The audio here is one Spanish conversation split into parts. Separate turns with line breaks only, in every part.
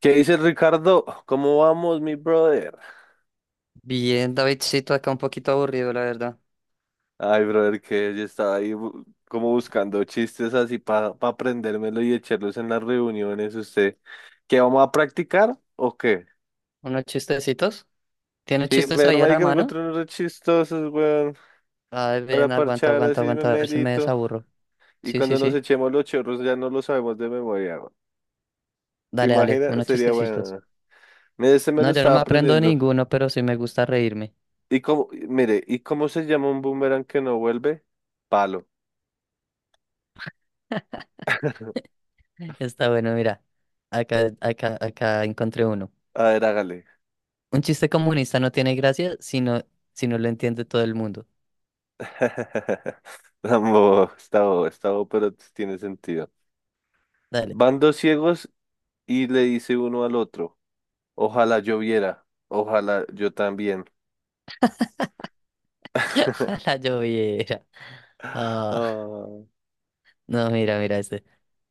¿Qué dice Ricardo? ¿Cómo vamos, mi brother?
Bien, Davidcito, acá un poquito aburrido, la verdad.
Ay, brother, que yo estaba ahí como buscando chistes así para aprendérmelo y echarlos en las reuniones. ¿Usted qué vamos a practicar o qué?
¿Unos chistecitos? ¿Tiene
Sí,
chistes
pero
ahí a la
marica, me
mano?
encontré unos re chistosos, weón,
Ay,
para
ven, aguanta,
parchar
aguanta,
así me
aguanta, a ver si me
melito.
desaburro.
Y
Sí, sí,
cuando nos
sí.
echemos los chorros ya no lo sabemos de memoria, weón. ¿Se
Dale, dale,
imagina?
unos
Sería
chistecitos.
bueno. Mire, este me
No,
lo
yo no
estaba
me aprendo
aprendiendo.
ninguno, pero sí me gusta reírme.
¿Y cómo, mire, ¿y cómo se llama un boomerang que no vuelve? Palo.
Está bueno, mira. Acá, acá, acá encontré uno.
A ver, hágale.
Un chiste comunista no tiene gracia si no lo entiende todo el mundo.
Tampoco, está bobo, pero tiene sentido.
Dale.
Van dos ciegos y le dice uno al otro, ojalá yo viera, ojalá yo también.
A la lloviera.
Ah.
Ah, no, mira, mira este.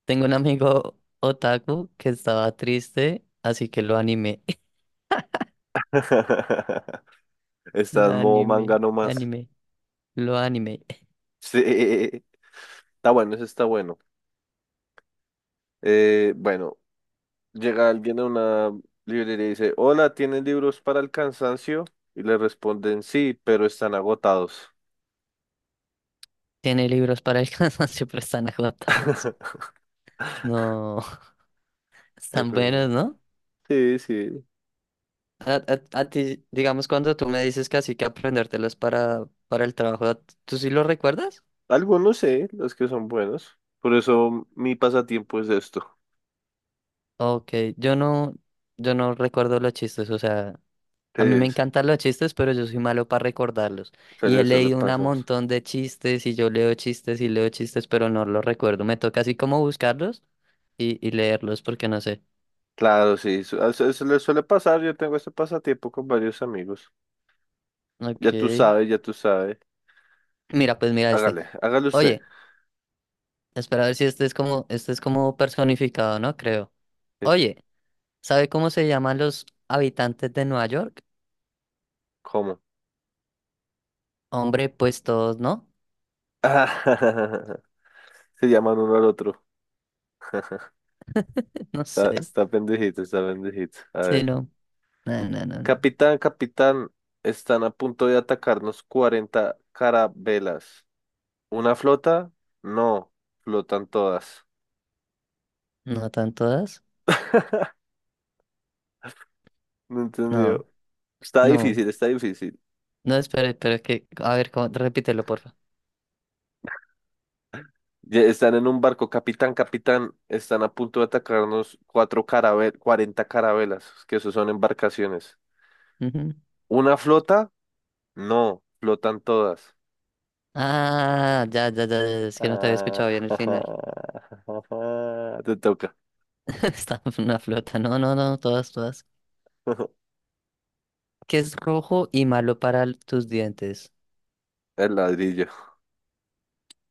Tengo un amigo otaku que estaba triste, así que lo animé.
Está
Lo
en modo
animé,
manga nomás.
animé, lo animé.
Sí, está bueno, eso está bueno. Bueno, llega alguien a una librería y dice, hola, ¿tienen libros para el cansancio? Y le responden, sí, pero están agotados.
Tiene libros para el cansancio, pero están agotados. No, están buenos, ¿no?
Sí, sí,
A ti, digamos, cuando tú me dices que así que aprendértelos para el trabajo, ¿tú sí lo recuerdas?
algunos sé, los que son buenos. Por eso mi pasatiempo es esto.
Ok, yo no recuerdo los chistes, o sea. A mí me
Pues,
encantan los chistes, pero yo soy malo para recordarlos.
se
Y he
le suele
leído un
pasar.
montón de chistes y yo leo chistes y leo chistes, pero no los recuerdo. Me toca así como buscarlos y leerlos porque no sé.
Claro, sí, se le suele pasar. Yo tengo este pasatiempo con varios amigos. Ya tú
Ok.
sabes, ya tú sabes.
Mira, pues mira este.
Hágale, hágale usted.
Oye, espera a ver si este es como, este es como personificado, ¿no? Creo.
Dice,
Oye, ¿sabe cómo se llaman los habitantes de Nueva York?
¿cómo?
Hombre, pues todos, ¿no?
Se llaman uno al otro.
No
Está,
sé.
está pendejito, está pendejito. A
Sí,
ver.
no. No, no, no, no.
Capitán, capitán, están a punto de atacarnos 40 carabelas. ¿Una flota? No, flotan todas.
¿No tan todas?
No
No,
entendió. Está
no.
difícil, está difícil.
No, espera, espera, que, a ver, repítelo, porfa.
Ya están en un barco, capitán, capitán. Están a punto de atacarnos cuatro carabel 40 carabelas, que eso son embarcaciones.
Ujú.
¿Una flota? No, flotan todas.
Ah, ya, ya, ya, ya, es que no te había
Ah,
escuchado bien el final.
te toca.
Está una flota, no, no, no, todas, todas. Que es rojo y malo para tus dientes.
El ladrillo.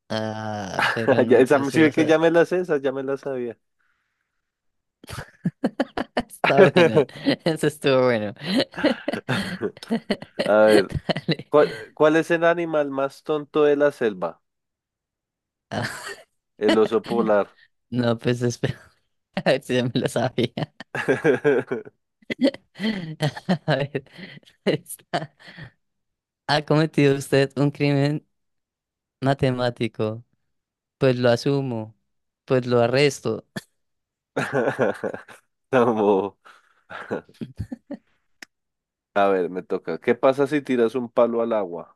Ah, pero
Ya,
no,
esa,
yo sí,
sí ve
o
que
sea,
ya me la sé, esa ya me la sabía.
está buena, eso estuvo bueno.
A ver,
Dale.
¿cuál, cuál es el animal más tonto de la selva?
Ah,
El oso polar.
no, pues espera, a ver si ya me lo sabía. A ver, está. ¿Ha cometido usted un crimen matemático? Pues lo asumo, pues lo arresto.
Vamos a ver, me toca. ¿Qué pasa si tiras un palo al agua?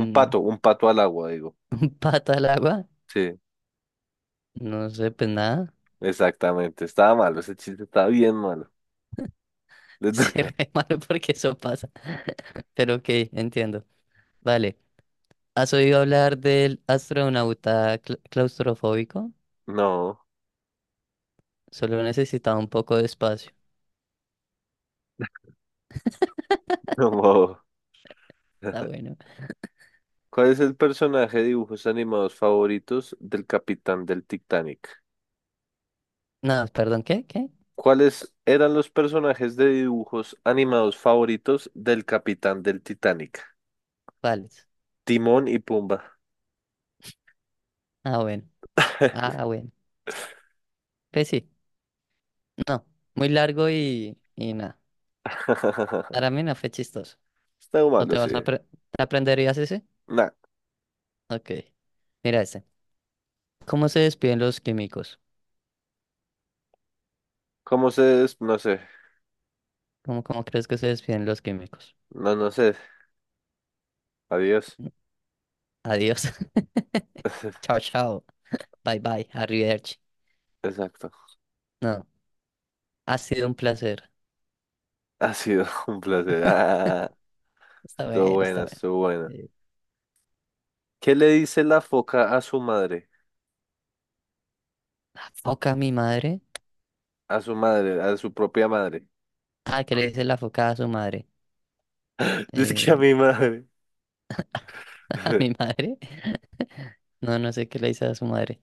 Un pato al agua, digo.
pata al agua,
Sí,
no sé, pues nada.
exactamente. Estaba malo, ese chiste estaba bien malo. Le
Sí,
toca.
re malo porque eso pasa. Pero ok, entiendo. Vale, ¿has oído hablar del astronauta claustrofóbico?
No,
Solo necesitaba un poco de espacio.
como.
Ah, bueno.
¿Cuál es el personaje de dibujos animados favoritos del capitán del Titanic?
No, perdón, ¿qué? ¿Qué?
¿Cuáles eran los personajes de dibujos animados favoritos del capitán del Titanic?
Vale.
Timón y Pumba.
Ah, bueno. Ah, bueno. Pues sí, no. Muy largo y nada. Para mí no fue chistoso.
Está
¿No te
malo, sí.
vas a apre- ¿te aprenderías ese?
Nah,
Ok. Mira ese. ¿Cómo se despiden los químicos?
¿cómo se des- No sé.
¿Cómo, cómo crees que se despiden los químicos?
No, no sé. Adiós.
Adiós. Chao, chao. Bye, bye. Arrivederci.
Exacto.
No, ha sido un placer.
Ha sido un placer. Ah,
Está
estuvo
bien, está
buena, estuvo buena.
bien.
¿Qué le dice la foca a su madre?
¿La foca a mi madre?
A su madre, a su propia madre.
Ah, ¿qué le dice la foca a su madre?
Dice que a
Eh,
mi madre.
¿a mi madre? No, no sé qué le dice a su madre.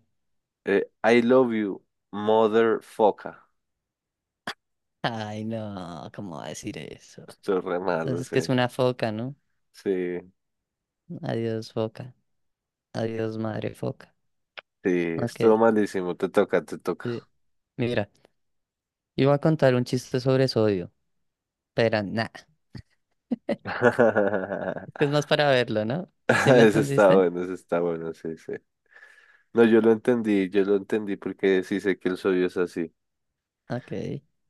I love you, mother foca.
Ay, no, ¿cómo va a decir eso?
Estuvo re
Entonces
malo,
es
sí.
que es una foca, ¿no?
Sí,
Adiós, foca. Adiós, madre foca.
sí,
Ok,
estuvo malísimo. Te toca, te toca.
sí. Mira, iba a contar un chiste sobre sodio, pero nada. Que es más para verlo, ¿no? ¿Sí lo entendiste?
Eso está bueno, sí, sí. No, yo lo entendí porque sí sé que el sodio es así.
Ok.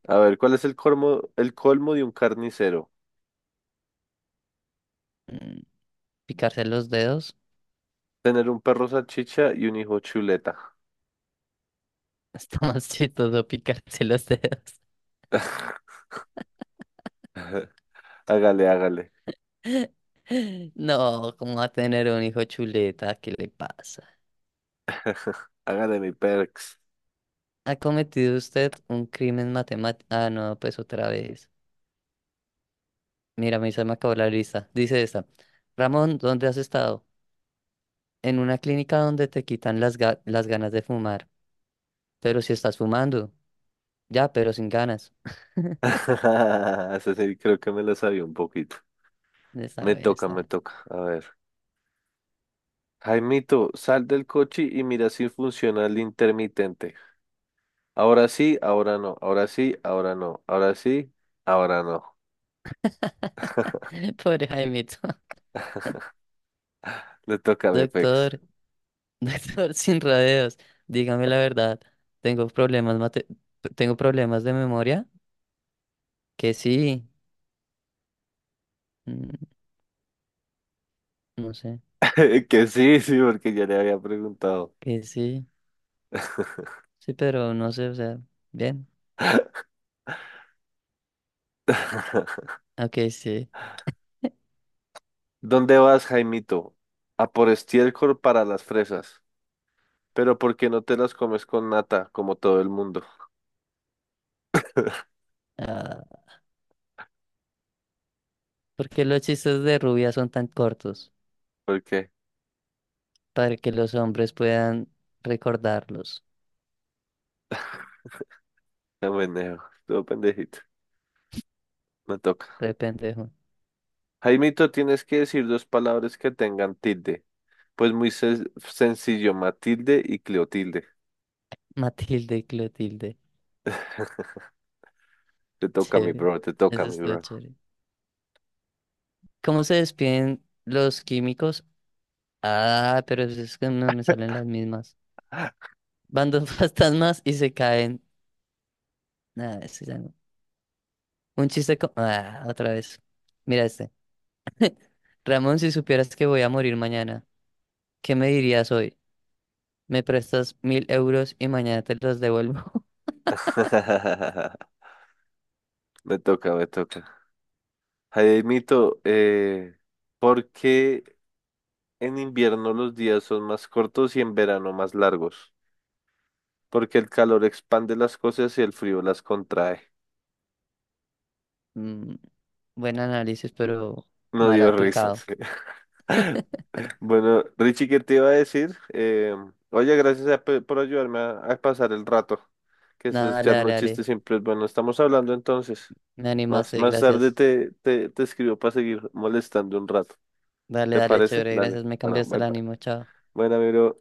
A ver, ¿cuál es el colmo de un carnicero?
Mm, picarse los dedos.
Tener un perro salchicha y un hijo chuleta.
Está más chistoso picarse los dedos.
Hágale, hágale.
No, ¿cómo va a tener un hijo chuleta? ¿Qué le pasa?
Hágale mi perks.
¿Ha cometido usted un crimen matemático? Ah, no, pues otra vez. Mira, a mí se me acabó la lista. Dice esta. Ramón, ¿dónde has estado? En una clínica donde te quitan las, las ganas de fumar. Pero si estás fumando. Ya, pero sin ganas.
Ese sí, creo que me lo sabía un poquito.
Está
Me
bueno,
toca,
está
me
bueno.
toca. A ver. Jaimito, sal del coche y mira si funciona el intermitente. Ahora sí, ahora no. Ahora sí, ahora no. Ahora sí, ahora no.
Pobre Jaimito.
Le toca a mi pex.
Doctor, doctor sin rodeos, dígame la verdad. Tengo problemas tengo problemas de memoria, que sí, mm, no sé,
Que sí, sí, porque ya le había preguntado.
que sí, sí, pero no sé, o sea, bien, ok, sí.
¿Dónde vas, Jaimito? A por estiércol para las fresas. Pero ¿por qué no te las comes con nata, como todo el mundo?
Ah, ¿por qué los chistes de rubia son tan cortos?
¿Por qué?
Para que los hombres puedan recordarlos.
No meneo, todo pendejito. Me toca.
Re pendejo.
Jaimito, tienes que decir dos palabras que tengan tilde. Pues muy sencillo, Matilde y Cleotilde.
Matilde y Clotilde.
Te toca, mi
Chévere.
bro, te toca,
Eso
mi
es lo
bro.
chévere. ¿Cómo se despiden los químicos? Ah, pero pues es que no me salen las mismas. Van dos fantasmas y se caen. Nada, ese ya no. Ah, otra vez. Mira este. Ramón, si supieras que voy a morir mañana, ¿qué me dirías hoy? ¿Me prestas 1000 € y mañana te los devuelvo?
Me toca, me toca. Jaimito, ¿por qué en invierno los días son más cortos y en verano más largos? Porque el calor expande las cosas y el frío las contrae.
Mm, buen análisis, pero
No
mal
dio
aplicado.
risas. Bueno, Richie, ¿qué te iba a decir? Oye, gracias por ayudarme a pasar el rato, que eso
Nada,
es
dale, dale,
echarnos
dale.
chistes siempre es bueno. Estamos hablando entonces.
Me
Más,
animaste,
más tarde
gracias.
te escribo para seguir molestando un rato.
Dale,
¿Te
dale,
parece?
chévere,
Dale.
gracias. Me
Bueno,
cambiaste
bye
el
bye.
ánimo, chao.
Bueno, amigo.